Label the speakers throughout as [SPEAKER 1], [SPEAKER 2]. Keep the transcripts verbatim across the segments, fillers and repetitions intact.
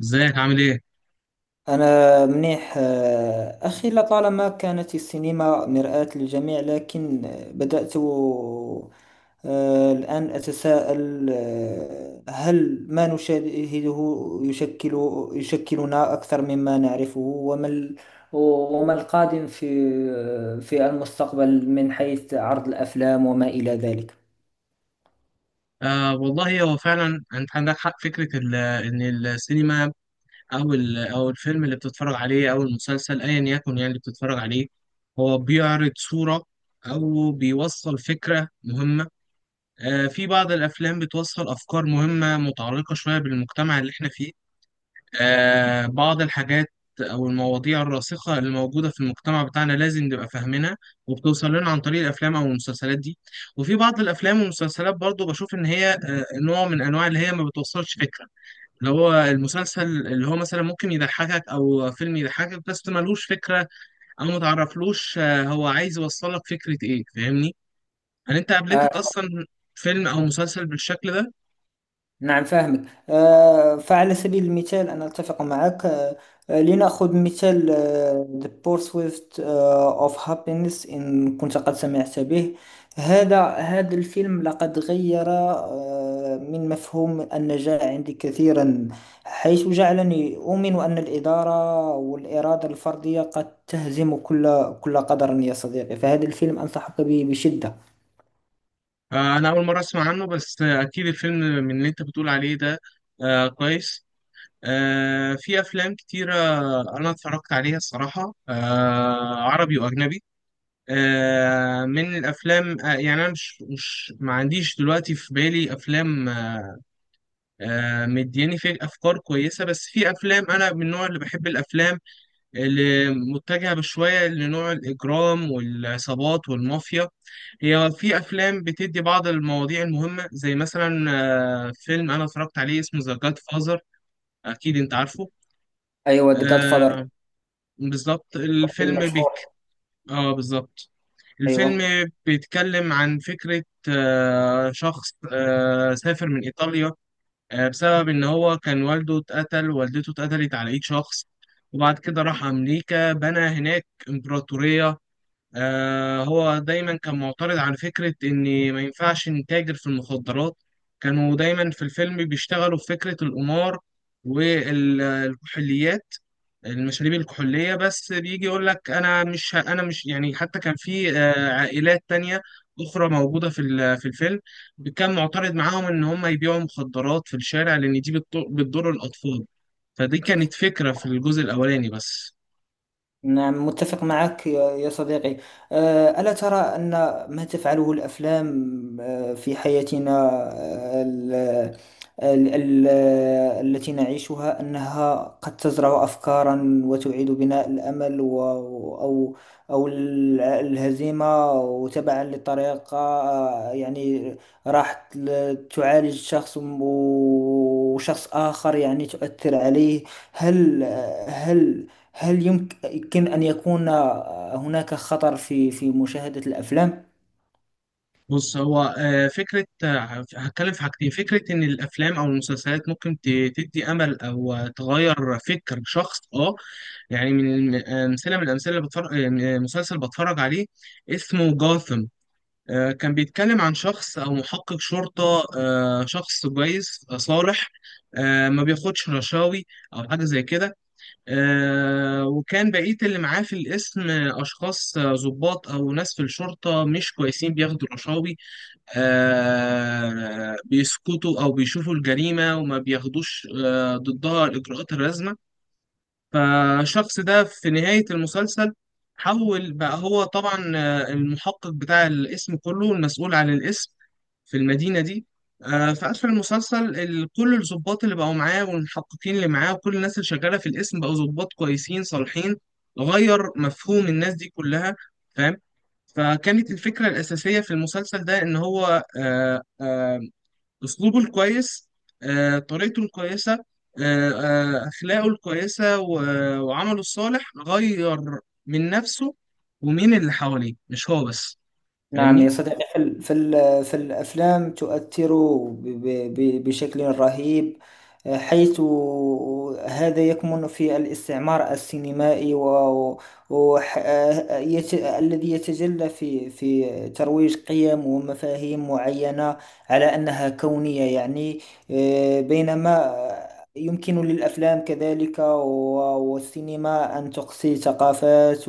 [SPEAKER 1] ازيك عامل ايه؟
[SPEAKER 2] أنا منيح، آه، أخي لطالما كانت السينما مرآة للجميع، لكن آه، بدأت آه، الآن أتساءل، آه، هل ما نشاهده يشكل يشكلنا أكثر مما نعرفه؟ وما ال- وما القادم في آه، في المستقبل من حيث عرض الأفلام وما إلى ذلك؟
[SPEAKER 1] آه والله، هو فعلا انت عندك حق. فكره ال- ان السينما او ال- او الفيلم اللي بتتفرج عليه او المسلسل ايا يكن، يعني اللي بتتفرج عليه هو بيعرض صوره او بيوصل فكره مهمه. آه في بعض الافلام بتوصل افكار مهمه متعلقه شويه بالمجتمع اللي احنا فيه. آه، بعض الحاجات أو المواضيع الراسخة اللي موجودة في المجتمع بتاعنا لازم نبقى فاهمينها، وبتوصل لنا عن طريق الأفلام أو المسلسلات دي. وفي بعض الأفلام والمسلسلات برضو بشوف إن هي آه، نوع من أنواع اللي هي ما بتوصلش فكرة، اللي هو المسلسل اللي هو مثلا ممكن يضحكك أو فيلم يضحكك بس ملهوش فكرة، أو متعرفلوش آه، هو عايز يوصلك فكرة إيه، فاهمني؟ هل أنت قابلتك أصلا فيلم أو مسلسل بالشكل ده؟
[SPEAKER 2] نعم، فاهمك. آه، فعلى سبيل المثال، أنا أتفق معك. آه، آه، لنأخذ مثال آه، The Pursuit آه، of Happiness، إن كنت قد سمعت به. هذا هذا الفيلم لقد غير آه، من مفهوم النجاح عندي كثيرا، حيث جعلني أؤمن أن الإدارة والإرادة الفردية قد تهزم كل كل قدر. يا صديقي، فهذا الفيلم أنصحك به بشدة.
[SPEAKER 1] آه، أنا أول مرة أسمع عنه، بس آه، أكيد الفيلم من اللي أنت بتقول عليه ده. آه، كويس. آه، في أفلام كتيرة أنا اتفرجت عليها الصراحة، آه، عربي وأجنبي. آه، من الأفلام آه، يعني أنا مش مش ما عنديش دلوقتي في بالي أفلام آه، مدياني فيه أفكار كويسة. بس في أفلام، أنا من النوع اللي بحب الأفلام اللي متجهة بشوية لنوع الإجرام والعصابات والمافيا. هي في أفلام بتدي بعض المواضيع المهمة، زي مثلا آه، فيلم أنا اتفرجت عليه اسمه ذا جاد فازر. أكيد أنت عارفه؟
[SPEAKER 2] أيوة، The
[SPEAKER 1] آه،
[SPEAKER 2] Godfather
[SPEAKER 1] بالظبط.
[SPEAKER 2] فيلم
[SPEAKER 1] الفيلم بيك.
[SPEAKER 2] مشهور.
[SPEAKER 1] آه، بالظبط. الفيلم
[SPEAKER 2] أيوة.
[SPEAKER 1] بيتكلم عن فكرة آه شخص آه سافر من إيطاليا آه بسبب إن هو كان والده اتقتل، والدته اتقتلت على إيد شخص، وبعد كده راح أمريكا بنى هناك إمبراطورية. آه هو دايما كان معترض على فكرة إن ما ينفعش نتاجر في المخدرات. كانوا دايما في الفيلم بيشتغلوا في فكرة القمار والكحوليات، المشاريب الكحولية، بس بيجي يقول لك أنا مش ه- أنا مش، يعني حتى كان في آه، عائلات تانية أخرى موجودة في ال- في الفيلم، كان معترض معاهم إن هم يبيعوا مخدرات في الشارع لأن دي بتضر بتضر الأطفال. فدي كانت فكرة في الجزء الأولاني بس.
[SPEAKER 2] نعم، متفق معك يا يا صديقي. آه، ألا ترى أن ما تفعله الأفلام آه، في حياتنا آه، ال- ال- ال- التي نعيشها، أنها قد تزرع أفكارا وتعيد بناء الأمل و- أو، أو ال- الهزيمة؟ وتبعا للطريقة، آه، يعني راح ل- تعالج شخص، وشخص آخر يعني تؤثر عليه. هل هل هل يمكن أن يكون هناك خطر في في مشاهدة الأفلام؟
[SPEAKER 1] بص، هو آه، فكرة آه، هتكلم في حاجتين. فكرة إن الأفلام أو المسلسلات ممكن ت- تدي أمل أو آه، تغير فكر شخص. أه يعني من الم- آه، أمثلة، من الأمثلة اللي بتفرج آه، مسلسل بتفرج عليه اسمه جاثم. آه، كان بيتكلم عن شخص أو محقق شرطة، آه، شخص كويس آه، صالح، آه، ما بياخدش رشاوي أو حاجة زي كده. آه، وكان بقية اللي معاه في القسم آه، أشخاص آه، ضباط أو ناس في الشرطة مش كويسين، بياخدوا رشاوي، آه، بيسكتوا أو بيشوفوا الجريمة وما بياخدوش آه، ضدها الإجراءات اللازمة. فالشخص ده في نهاية المسلسل حول بقى، هو طبعا آه، المحقق بتاع الاسم كله، المسؤول عن الاسم في المدينة دي. آه، في آخر المسلسل ال- كل الضباط اللي بقوا معاه والمحققين اللي معاه وكل الناس اللي شغالة في الاسم بقوا ضباط كويسين صالحين، غير مفهوم الناس دي كلها. فاهم؟ فكانت الفكرة الأساسية في المسلسل ده إن هو آه، آه، أسلوبه الكويس، آه، طريقته الكويسة، آه، آه، أخلاقه الكويسة و- وعمله الصالح، غير من نفسه ومين اللي حواليه، مش هو بس.
[SPEAKER 2] نعم يا
[SPEAKER 1] فاهمني؟
[SPEAKER 2] صديقي، في ال- في ال- في الأفلام تؤثر ب- ب- ب- بشكل رهيب، حيث هذا يكمن في الاستعمار السينمائي و و- ح- يت- الذي يتجلى في في ترويج قيم ومفاهيم معينة على أنها كونية. يعني آه، بينما يمكن للأفلام كذلك و- والسينما أن تقصي ثقافات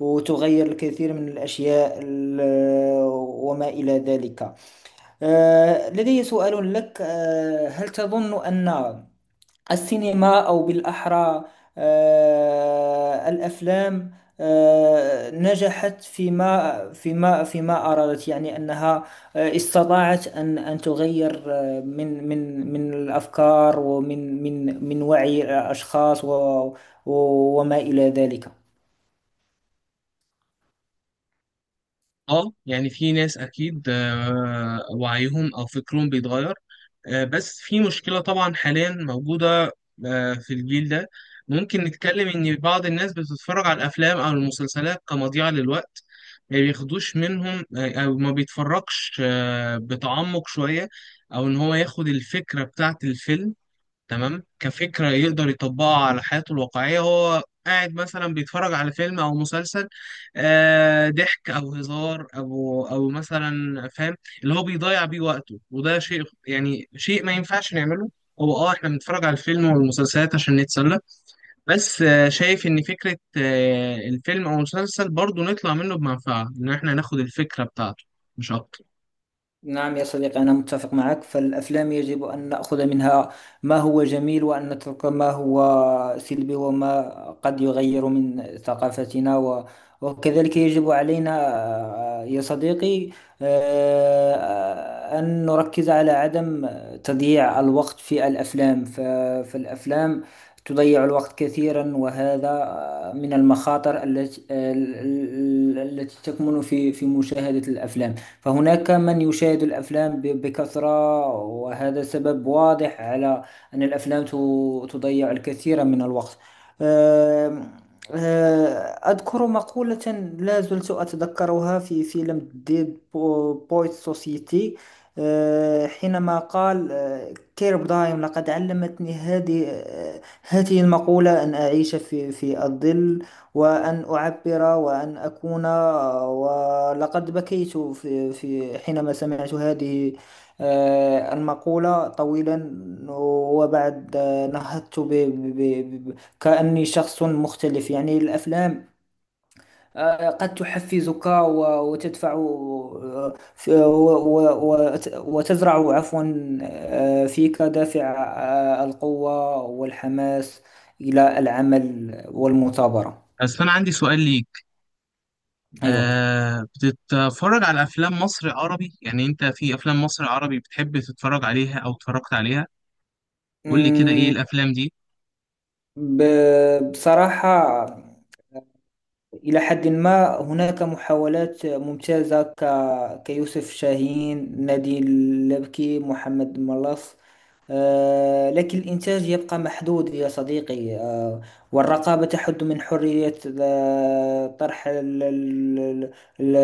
[SPEAKER 2] وتغير الكثير من الأشياء ال- وما إلى ذلك. آه، لدي سؤال لك. آه، هل تظن أن السينما، أو بالأحرى آه، الأفلام، آه، نجحت فيما فيما فيما أرادت؟ يعني أنها آه، استطاعت أن أن تغير آه، من من من الأفكار، ومن من من وعي الأشخاص و- و- وما إلى ذلك.
[SPEAKER 1] اه، يعني في ناس اكيد آه، وعيهم او فكرهم بيتغير. آه، بس في مشكلة طبعا حاليا موجودة آه، في الجيل ده. ممكن نتكلم إن بعض الناس بتتفرج على الأفلام أو المسلسلات كمضيعة للوقت، ما بياخدوش منهم آه، أو ما بيتفرجش آه، بتعمق شوية، أو إن هو ياخد الفكرة بتاعة الفيلم تمام كفكرة يقدر يطبقها على حياته الواقعية. هو قاعد مثلا بيتفرج على فيلم أو مسلسل آه، ضحك أو هزار أو أو مثلا، فاهم، اللي هو بيضيع بيه وقته، وده شيء، يعني شيء ما ينفعش نعمله. هو اه احنا بنتفرج على الفيلم والمسلسلات عشان نتسلى، بس آه، شايف ان فكرة آه، الفيلم او المسلسل برضو نطلع منه بمنفعة، ان احنا ناخد الفكرة بتاعته، مش اكتر.
[SPEAKER 2] نعم يا صديقي، أنا متفق معك. فالأفلام يجب أن نأخذ منها ما هو جميل، وأن نترك ما هو سلبي وما قد يغير من ثقافتنا. وكذلك يجب علينا آه، يا صديقي، آه، آه، أن نركز على عدم تضييع الوقت في الأفلام. ف- فالأفلام تضيع الوقت كثيرا، وهذا آه، من المخاطر التي ال- ال- التي تكمن في في مشاهدة الأفلام. فهناك من يشاهد الأفلام ب- بكثرة، وهذا سبب واضح على أن الأفلام ت- تضيع الكثير من الوقت. آم، آه، أذكر مقولة لا زلت أتذكرها في فيلم دي بو- بويت سوسيتي، آه، حينما قال آه، كيرب دايم: لقد علمتني هذه، آه، هذه المقولة، أن أعيش في في الظل، وأن أعبر، وأن أكون. آه، ولقد بكيت في في حينما سمعت هذه آه، المقولة طويلا. وبعد آه، نهضت كأني شخص مختلف. يعني الأفلام آه، قد تحفزك و- وتدفع، آه، ف- و- و- وت- وتزرع، عفوا، آه، فيك دافع آه، القوة والحماس إلى العمل والمثابرة.
[SPEAKER 1] بس انا عندي سؤال ليك.
[SPEAKER 2] أيوة.
[SPEAKER 1] آه بتتفرج على أفلام مصر عربي؟ يعني أنت في أفلام مصر عربي بتحب تتفرج عليها أو اتفرجت عليها؟ قول لي كده إيه
[SPEAKER 2] أمم،
[SPEAKER 1] الأفلام دي.
[SPEAKER 2] ب- بصراحة، إلى حد ما هناك محاولات ممتازة، ك... كيوسف شاهين، نادي اللبكي، محمد ملاص. آه، لكن الإنتاج يبقى محدود يا صديقي، آه، والرقابة تحد من حرية آه، طرح ال- ال- ال- ال-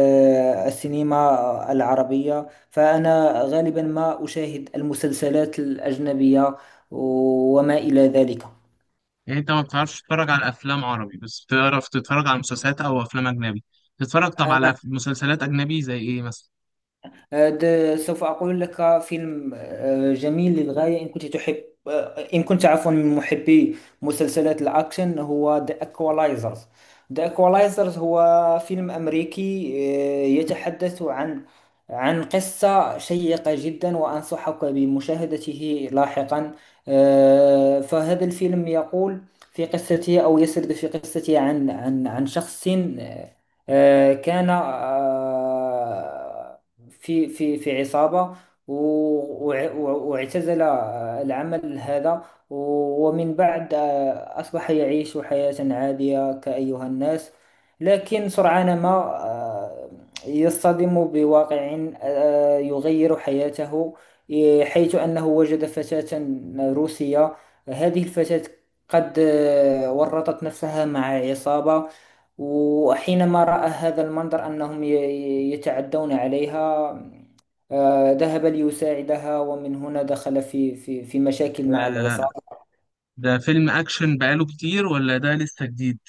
[SPEAKER 2] السينما العربية. فأنا غالبا ما أشاهد المسلسلات الأجنبية وما إلى ذلك.
[SPEAKER 1] يعني أنت ما بتعرفش تتفرج على أفلام عربي، بس بتعرف تتفرج على مسلسلات أو أفلام أجنبي. تتفرج طب
[SPEAKER 2] أنا
[SPEAKER 1] على أف- مسلسلات أجنبي زي إيه مثلا؟
[SPEAKER 2] هذا سوف أقول لك. فيلم آه، جميل للغاية، إن كنت تحب، آه، إن كنت، عفوا، من محبي مسلسلات الأكشن، هو The Equalizers. The Equalizers هو فيلم أمريكي آه، يتحدث عن عن قصة شيقة جدا، وأنصحك بمشاهدته لاحقا. آه، فهذا الفيلم يقول في قصته، أو يسرد في قصته، عن عن عن شخص آه، آه، كان آه، في في في عصابة، و- وع- واعتزل آه، العمل هذا. و- ومن بعد آه، أصبح يعيش حياة عادية كأيها الناس. لكن سرعان ما آه، يصطدم بواقع آه، يغير حياته. إيه، حيث أنه وجد فتاة روسية. هذه الفتاة قد آه، ورطت نفسها مع عصابة، وحينما رأى هذا المنظر أنهم ي- ي- يتعدون عليها، آه، ذهب ليساعدها، ومن هنا دخل في في في مشاكل مع
[SPEAKER 1] ده,
[SPEAKER 2] العصابة.
[SPEAKER 1] ده فيلم أكشن بقاله كتير ولا ده لسه جديد؟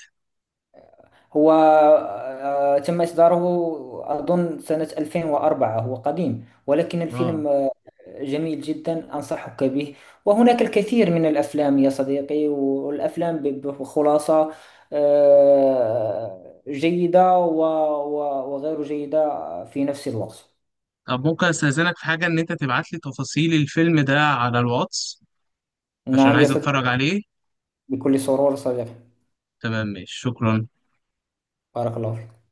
[SPEAKER 2] هو آه، تم إصداره أظن سنة ألفين وأربعة. هو قديم، ولكن
[SPEAKER 1] آه.
[SPEAKER 2] الفيلم آه، جميل جدا، أنصحك به. وهناك الكثير من الأفلام يا صديقي، والأفلام ب- بخلاصة آه، جيدة و- و- وغير جيدة في نفس الوقت.
[SPEAKER 1] طب ممكن أستأذنك في حاجة، إن أنت تبعت لي تفاصيل الفيلم ده على الواتس عشان
[SPEAKER 2] نعم يا
[SPEAKER 1] عايز
[SPEAKER 2] صديقي.
[SPEAKER 1] أتفرج عليه.
[SPEAKER 2] بكل سرور صديقي.
[SPEAKER 1] تمام، ماشي، شكرا.
[SPEAKER 2] بارك الله فيك.